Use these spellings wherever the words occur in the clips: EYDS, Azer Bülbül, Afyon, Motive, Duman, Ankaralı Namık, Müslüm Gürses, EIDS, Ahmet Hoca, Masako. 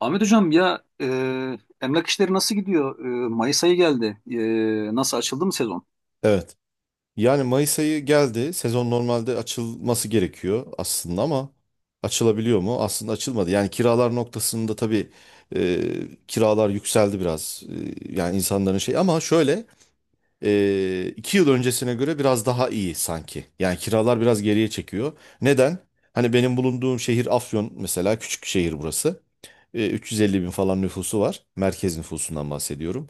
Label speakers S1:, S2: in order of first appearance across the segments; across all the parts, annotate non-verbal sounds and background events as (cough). S1: Ahmet Hocam, ya, emlak işleri nasıl gidiyor? Mayıs ayı geldi. Nasıl açıldı mı sezon?
S2: Evet. Yani Mayıs ayı geldi. Sezon normalde açılması gerekiyor aslında ama açılabiliyor mu? Aslında açılmadı. Yani kiralar noktasında tabii e, kiralar yükseldi biraz. Yani insanların şey ama şöyle 2 yıl öncesine göre biraz daha iyi sanki. Yani kiralar biraz geriye çekiyor. Neden? Hani benim bulunduğum şehir Afyon mesela, küçük şehir burası. 350 bin falan nüfusu var. Merkez nüfusundan bahsediyorum.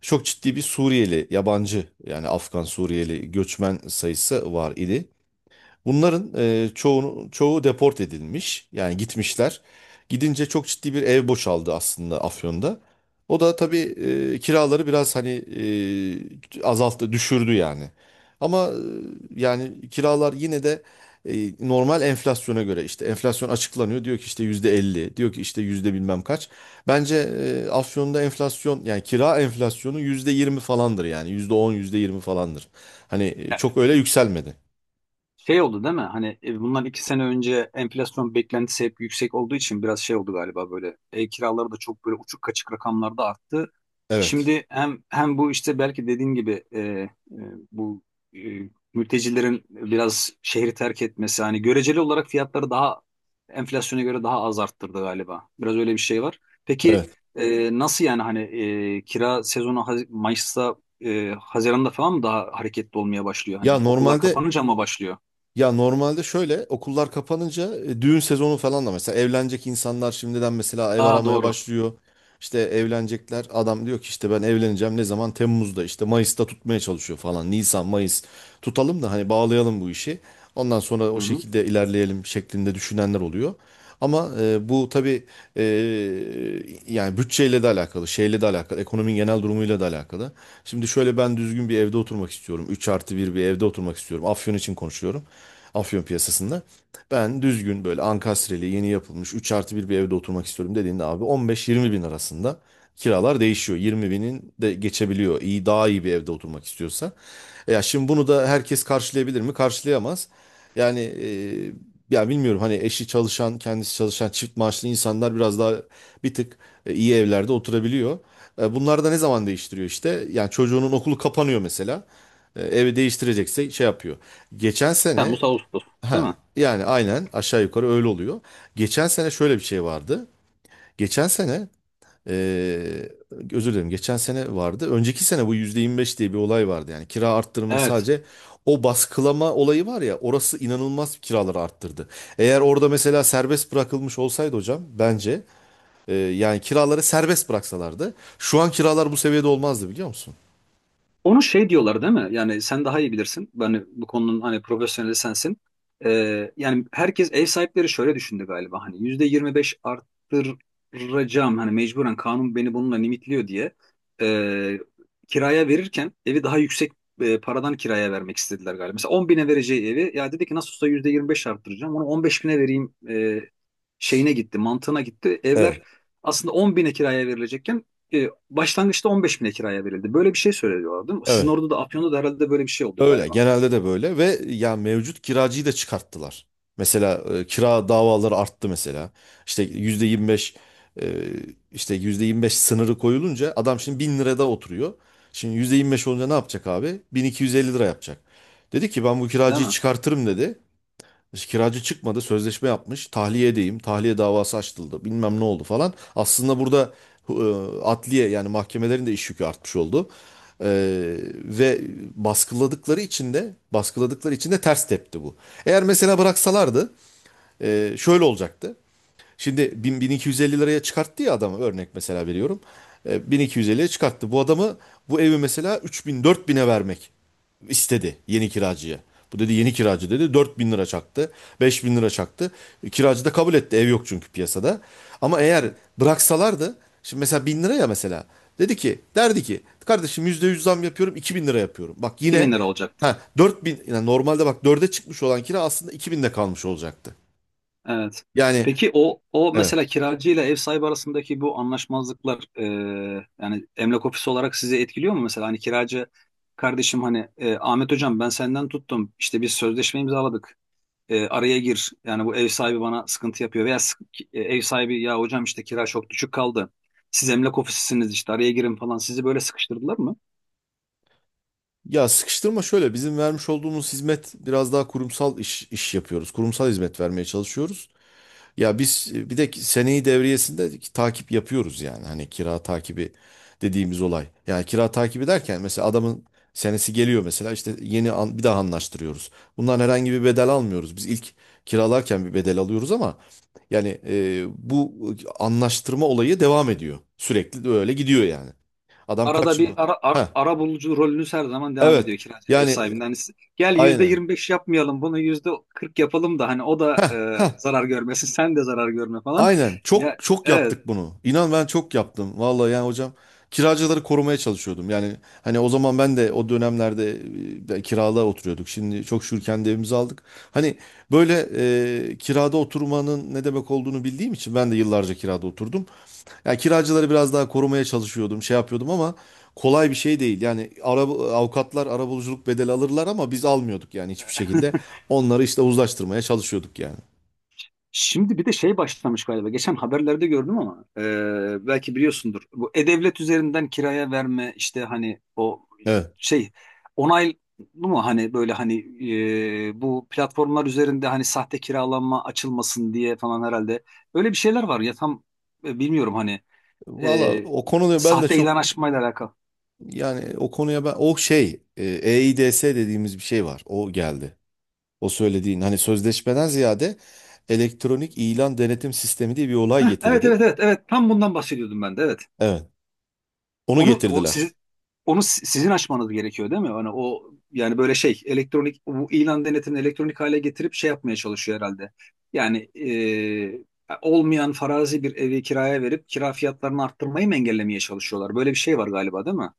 S2: Çok ciddi bir Suriyeli, yabancı yani Afgan Suriyeli göçmen sayısı var idi. Bunların çoğu deport edilmiş. Yani gitmişler. Gidince çok ciddi bir ev boşaldı aslında Afyon'da. O da tabii kiraları biraz hani azalttı, düşürdü yani. Ama yani kiralar yine de e, normal enflasyona göre, işte enflasyon açıklanıyor. Diyor ki işte %50, diyor ki işte yüzde bilmem kaç. Bence Afyon'da enflasyon, yani kira enflasyonu %20 falandır, yani %10, yüzde 20 falandır. Hani
S1: Ya,
S2: çok öyle yükselmedi.
S1: şey oldu değil mi? Hani bundan iki sene önce enflasyon beklentisi hep yüksek olduğu için biraz şey oldu galiba böyle. Ev kiraları da çok böyle uçuk kaçık rakamlarda arttı.
S2: Evet.
S1: Şimdi hem bu işte belki dediğin gibi, bu mültecilerin biraz şehri terk etmesi hani göreceli olarak fiyatları daha enflasyona göre daha az arttırdı galiba. Biraz öyle bir şey var. Peki
S2: Evet.
S1: nasıl yani, hani kira sezonu Mayıs'ta, Haziran'da falan mı daha hareketli olmaya başlıyor,
S2: Ya
S1: hani okullar
S2: normalde
S1: kapanınca mı başlıyor?
S2: ya normalde şöyle, okullar kapanınca düğün sezonu falan da, mesela evlenecek insanlar şimdiden mesela ev
S1: Aa,
S2: aramaya
S1: doğru.
S2: başlıyor. İşte evlenecekler, adam diyor ki işte ben evleneceğim, ne zaman, Temmuz'da, işte Mayıs'ta tutmaya çalışıyor falan, Nisan Mayıs tutalım da hani bağlayalım bu işi. Ondan sonra
S1: Hı
S2: o
S1: hı.
S2: şekilde ilerleyelim şeklinde düşünenler oluyor. Ama bu tabii e, yani bütçeyle de alakalı, şeyle de alakalı, ekonominin genel durumuyla da alakalı. Şimdi şöyle, ben düzgün bir evde oturmak istiyorum. Üç artı bir bir evde oturmak istiyorum. Afyon için konuşuyorum. Afyon piyasasında. Ben düzgün böyle ankastreli yeni yapılmış 3 artı bir bir evde oturmak istiyorum dediğinde, abi 15-20 bin arasında kiralar değişiyor. 20 binin de geçebiliyor, İyi daha iyi bir evde oturmak istiyorsa. Ya şimdi bunu da herkes karşılayabilir mi? Karşılayamaz. Yani ya bilmiyorum, hani eşi çalışan, kendisi çalışan çift maaşlı insanlar biraz daha bir tık iyi evlerde oturabiliyor. Bunlar da ne zaman değiştiriyor işte? Yani çocuğunun okulu kapanıyor mesela. Evi değiştirecekse şey yapıyor. Geçen sene.
S1: Temmuz, Ağustos değil
S2: Ha,
S1: mi?
S2: yani aynen, aşağı yukarı öyle oluyor. Geçen sene şöyle bir şey vardı. Geçen sene eee, özür dilerim, geçen sene vardı. Önceki sene bu %25 diye bir olay vardı. Yani kira arttırımının
S1: Evet.
S2: sadece o baskılama olayı var ya, orası inanılmaz kiraları arttırdı. Eğer orada mesela serbest bırakılmış olsaydı hocam, bence yani kiraları serbest bıraksalardı şu an kiralar bu seviyede olmazdı, biliyor musun?
S1: Onu şey diyorlar değil mi? Yani sen daha iyi bilirsin. Ben bu konunun hani profesyoneli sensin. Yani herkes, ev sahipleri şöyle düşündü galiba. Hani %25 arttıracağım, hani mecburen kanun beni bununla limitliyor diye. Ee, Kiraya verirken evi daha yüksek paradan kiraya vermek istediler galiba. Mesela 10 bine vereceği evi, ya dedi ki nasıl olsa %25 arttıracağım, onu 15 bine vereyim, şeyine gitti, mantığına gitti. Evler
S2: Evet.
S1: aslında 10 bine kiraya verilecekken başlangıçta 15 bine kiraya verildi. Böyle bir şey söylüyorlar değil mi? Sizin
S2: Evet.
S1: orada da, Afyon'da da herhalde böyle bir şey oldu
S2: Öyle,
S1: galiba.
S2: genelde de böyle ve ya mevcut kiracıyı da çıkarttılar. Mesela kira davaları arttı mesela. İşte %25, e, işte %25 sınırı koyulunca, adam şimdi 1000 lirada oturuyor. Şimdi %25 olunca ne yapacak abi? 1250 lira yapacak. Dedi ki ben bu
S1: Değil
S2: kiracıyı
S1: mi?
S2: çıkartırım dedi. İşte kiracı çıkmadı, sözleşme yapmış. Tahliye edeyim, tahliye davası açıldı, bilmem ne oldu falan. Aslında burada e, adliye, yani mahkemelerin de iş yükü artmış oldu. E, Ve baskıladıkları için de ters tepti bu. Eğer mesela bıraksalardı şöyle olacaktı. Şimdi 1000, 1250 liraya çıkarttı ya adamı, örnek mesela veriyorum. 1250'ye çıkarttı. Bu evi mesela 3000 4000'e vermek istedi yeni kiracıya. Bu dedi, yeni kiracı dedi, 4000 lira çaktı, 5000 lira çaktı. Kiracı da kabul etti. Ev yok çünkü piyasada. Ama eğer
S1: Evet.
S2: bıraksalardı, şimdi mesela 1000 lira ya mesela, dedi ki derdi ki kardeşim, %100 zam yapıyorum, 2000 lira yapıyorum. Bak, yine,
S1: 2000 lira olacaktı.
S2: ha, 4000, yani normalde bak, dörde çıkmış olan kira aslında 2000'de kalmış olacaktı.
S1: Evet.
S2: Yani
S1: Peki, o
S2: evet.
S1: mesela kiracı ile ev sahibi arasındaki bu anlaşmazlıklar, yani emlak ofisi olarak sizi etkiliyor mu? Mesela hani kiracı, kardeşim hani Ahmet hocam, ben senden tuttum, işte biz sözleşme imzaladık. Araya gir. Yani bu ev sahibi bana sıkıntı yapıyor, veya ev sahibi, ya hocam işte kira çok düşük kaldı. Siz emlak ofisisiniz, işte araya girin falan. Sizi böyle sıkıştırdılar mı?
S2: Ya sıkıştırma şöyle, bizim vermiş olduğumuz hizmet biraz daha kurumsal iş yapıyoruz. Kurumsal hizmet vermeye çalışıyoruz. Ya biz bir de ki seneyi devriyesinde takip yapıyoruz yani. Hani kira takibi dediğimiz olay. Yani kira takibi derken, mesela adamın senesi geliyor mesela, işte bir daha anlaştırıyoruz. Bundan herhangi bir bedel almıyoruz. Biz ilk kiralarken bir bedel alıyoruz ama yani bu anlaştırma olayı devam ediyor. Sürekli de öyle gidiyor yani. Adam
S1: Arada
S2: kaç
S1: bir
S2: yıl? Ha,
S1: ara bulucu rolünüz her zaman devam
S2: evet.
S1: ediyor, kiracıyla ev
S2: Yani
S1: sahibinden. Hani siz, gel yüzde
S2: aynen.
S1: 25 yapmayalım, bunu %40 yapalım da hani o da
S2: Heh,
S1: zarar görmesin, sen de zarar görme falan.
S2: aynen. Çok
S1: Ya,
S2: çok
S1: evet.
S2: yaptık bunu. İnan, ben çok yaptım. Vallahi yani hocam, kiracıları korumaya çalışıyordum. Yani hani o zaman, ben de o dönemlerde ben kirada oturuyorduk. Şimdi çok şükür kendi evimizi aldık. Hani böyle, kirada oturmanın ne demek olduğunu bildiğim için, ben de yıllarca kirada oturdum. Yani kiracıları biraz daha korumaya çalışıyordum, şey yapıyordum ama kolay bir şey değil. Yani avukatlar arabuluculuk bedeli alırlar ama biz almıyorduk yani, hiçbir şekilde. Onları işte uzlaştırmaya çalışıyorduk yani.
S1: Şimdi bir de şey başlamış galiba. Geçen haberlerde gördüm ama, belki biliyorsundur. Bu e-devlet üzerinden kiraya verme, işte hani o
S2: Evet.
S1: şey, onaylı mu, hani böyle hani bu platformlar üzerinde hani sahte kiralanma açılmasın diye falan herhalde. Öyle bir şeyler var ya, tam bilmiyorum hani,
S2: Valla
S1: e,
S2: o konuda ben de
S1: sahte
S2: çok,
S1: ilan açmayla alakalı.
S2: yani o konuya, ben o şey, EIDS dediğimiz bir şey var. O geldi. O söylediğin hani, sözleşmeden ziyade elektronik ilan denetim sistemi diye bir olay
S1: Heh, evet,
S2: getirdi.
S1: evet, evet, evet, tam bundan bahsediyordum ben de, evet.
S2: Evet. Onu
S1: Onu o,
S2: getirdiler.
S1: siz, onu, sizin açmanız gerekiyor değil mi? Hani o, yani böyle şey elektronik, bu ilan denetimini elektronik hale getirip şey yapmaya çalışıyor herhalde. Yani olmayan farazi bir evi kiraya verip kira fiyatlarını arttırmayı mı engellemeye çalışıyorlar? Böyle bir şey var galiba değil mi?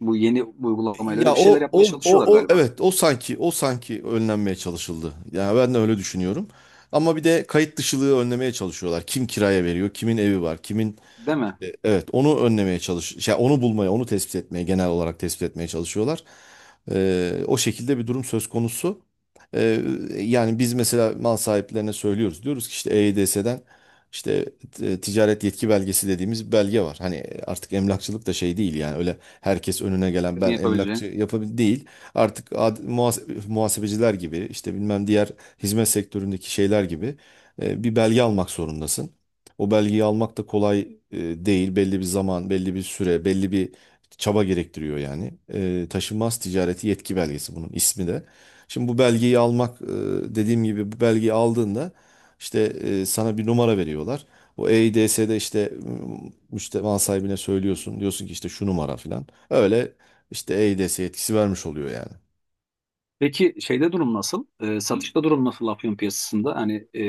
S1: Bu yeni uygulamayla öyle
S2: Ya,
S1: bir
S2: o
S1: şeyler yapmaya
S2: o
S1: çalışıyorlar
S2: o o
S1: galiba.
S2: evet, o sanki önlenmeye çalışıldı. Yani ben de öyle düşünüyorum. Ama bir de kayıt dışılığı önlemeye çalışıyorlar. Kim kiraya veriyor, kimin evi var, kimin...
S1: Değil mi?
S2: Evet, onu önlemeye çalış, onu bulmaya, onu tespit etmeye, genel olarak tespit etmeye çalışıyorlar. O şekilde bir durum söz konusu. E, Yani biz mesela mal sahiplerine söylüyoruz. Diyoruz ki işte EYDS'den işte ticaret yetki belgesi dediğimiz bir belge var. Hani artık emlakçılık da şey değil yani, öyle herkes önüne gelen
S1: Sizin
S2: ben emlakçı
S1: yapabileceğin.
S2: yapabil değil. Artık muhasebeciler gibi, işte bilmem, diğer hizmet sektöründeki şeyler gibi bir belge almak zorundasın. O belgeyi almak da kolay değil. Belli bir zaman, belli bir süre, belli bir çaba gerektiriyor yani. Taşınmaz ticareti yetki belgesi bunun ismi de. Şimdi bu belgeyi almak, dediğim gibi bu belgeyi aldığında işte sana bir numara veriyorlar. O EIDS'de işte, müşteri sahibine söylüyorsun. Diyorsun ki işte şu numara falan. Öyle işte EIDS yetkisi vermiş oluyor yani.
S1: Peki şeyde durum nasıl? Satışta durum nasıl, Afyon piyasasında? Hani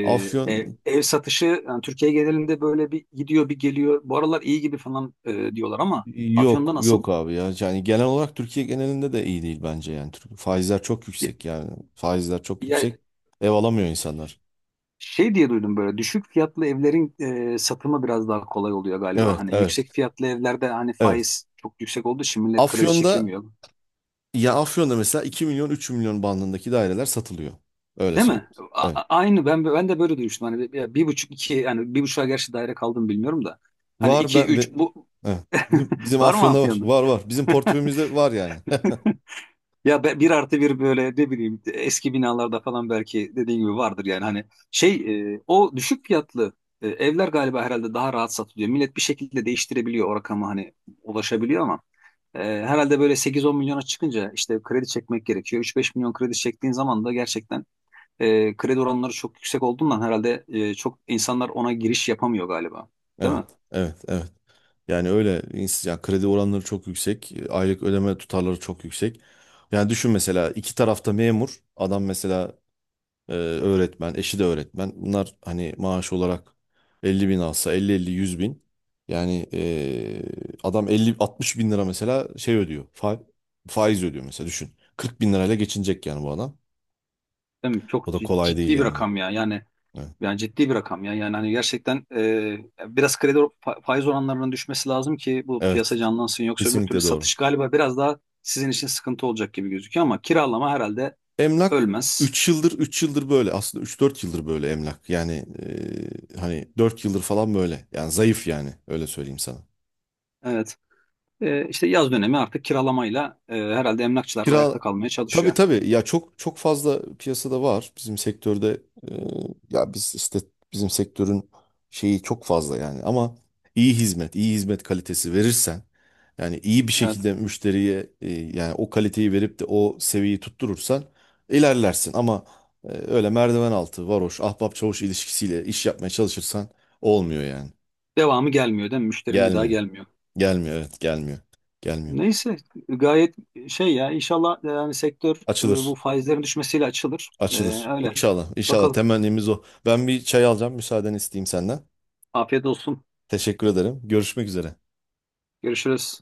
S1: ev,
S2: Afyon.
S1: ev satışı, yani Türkiye genelinde böyle bir gidiyor bir geliyor. Bu aralar iyi gibi falan diyorlar ama
S2: Yok
S1: Afyon'da nasıl?
S2: yok abi ya, yani genel olarak Türkiye genelinde de iyi değil bence, yani faizler çok
S1: Ya,
S2: yüksek, yani faizler çok
S1: ya,
S2: yüksek, ev alamıyor insanlar.
S1: şey diye duydum, böyle düşük fiyatlı evlerin satımı biraz daha kolay oluyor galiba.
S2: Evet,
S1: Hani
S2: evet,
S1: yüksek fiyatlı evlerde hani
S2: evet.
S1: faiz çok yüksek olduğu için millet kredi
S2: Afyon'da
S1: çekemiyor.
S2: Afyon'da mesela 2 milyon 3 milyon bandındaki daireler satılıyor, öyle
S1: Değil mi?
S2: söyleyeyim. Evet,
S1: Aynı, ben de böyle duymuştum. Hani bir, ya bir buçuk iki, yani bir buçuğa gerçi daire kaldım bilmiyorum da. Hani
S2: var,
S1: iki üç, bu
S2: evet. Bizim
S1: var mı
S2: Afyon'da var,
S1: Afyon'da?
S2: var, var, bizim
S1: (laughs)
S2: portföyümüzde var yani. (laughs)
S1: Ya, bir artı bir böyle, ne bileyim, eski binalarda falan belki dediğin gibi vardır yani, hani şey, o düşük fiyatlı evler galiba herhalde daha rahat satılıyor. Millet bir şekilde değiştirebiliyor, o rakama hani ulaşabiliyor ama herhalde böyle 8-10 milyona çıkınca işte kredi çekmek gerekiyor. 3-5 milyon kredi çektiğin zaman da gerçekten kredi oranları çok yüksek olduğundan herhalde çok insanlar ona giriş yapamıyor galiba. Değil
S2: Evet,
S1: mi?
S2: evet, evet. Yani öyle ya kredi oranları çok yüksek, aylık ödeme tutarları çok yüksek. Yani düşün, mesela iki tarafta memur, adam mesela öğretmen, eşi de öğretmen. Bunlar hani maaş olarak 50 bin alsa, 50-50-100 bin. Yani adam 50, 60 bin lira mesela şey ödüyor, faiz ödüyor mesela, düşün. Kırk bin lirayla geçinecek yani bu adam.
S1: Değil mi?
S2: O
S1: Çok
S2: da kolay değil
S1: ciddi bir
S2: yani.
S1: rakam ya yani.
S2: Evet,
S1: Yani ciddi bir rakam ya. Yani hani gerçekten biraz kredi faiz oranlarının düşmesi lazım ki bu piyasa
S2: evet,
S1: canlansın. Yoksa öbür türlü
S2: kesinlikle doğru.
S1: satış galiba biraz daha sizin için sıkıntı olacak gibi gözüküyor ama kiralama herhalde
S2: Emlak,
S1: ölmez.
S2: üç yıldır böyle, aslında üç dört yıldır böyle emlak yani hani 4 yıldır falan böyle yani, zayıf yani, öyle söyleyeyim sana.
S1: Evet. İşte yaz dönemi, artık kiralamayla herhalde emlakçılar da ayakta
S2: Kira,
S1: kalmaya
S2: tabii
S1: çalışıyor.
S2: tabii ya, çok çok fazla piyasada var bizim sektörde. Ee, Ya biz işte, bizim sektörün şeyi çok fazla yani, ama iyi hizmet kalitesi verirsen, yani iyi bir
S1: Evet.
S2: şekilde müşteriye yani o kaliteyi verip de o seviyeyi tutturursan, ilerlersin. Ama öyle merdiven altı, varoş, ahbap çavuş ilişkisiyle iş yapmaya çalışırsan olmuyor yani.
S1: Devamı gelmiyor değil mi? Müşterim bir daha
S2: Gelmiyor,
S1: gelmiyor.
S2: gelmiyor, evet, gelmiyor, gelmiyor.
S1: Neyse, gayet şey ya, inşallah yani sektör bu
S2: Açılır.
S1: faizlerin düşmesiyle açılır.
S2: Açılır.
S1: Öyle.
S2: İnşallah. İnşallah.
S1: Bakalım.
S2: Temennimiz o. Ben bir çay alacağım, müsaaden isteyeyim senden.
S1: Afiyet olsun.
S2: Teşekkür ederim. Görüşmek üzere.
S1: Görüşürüz.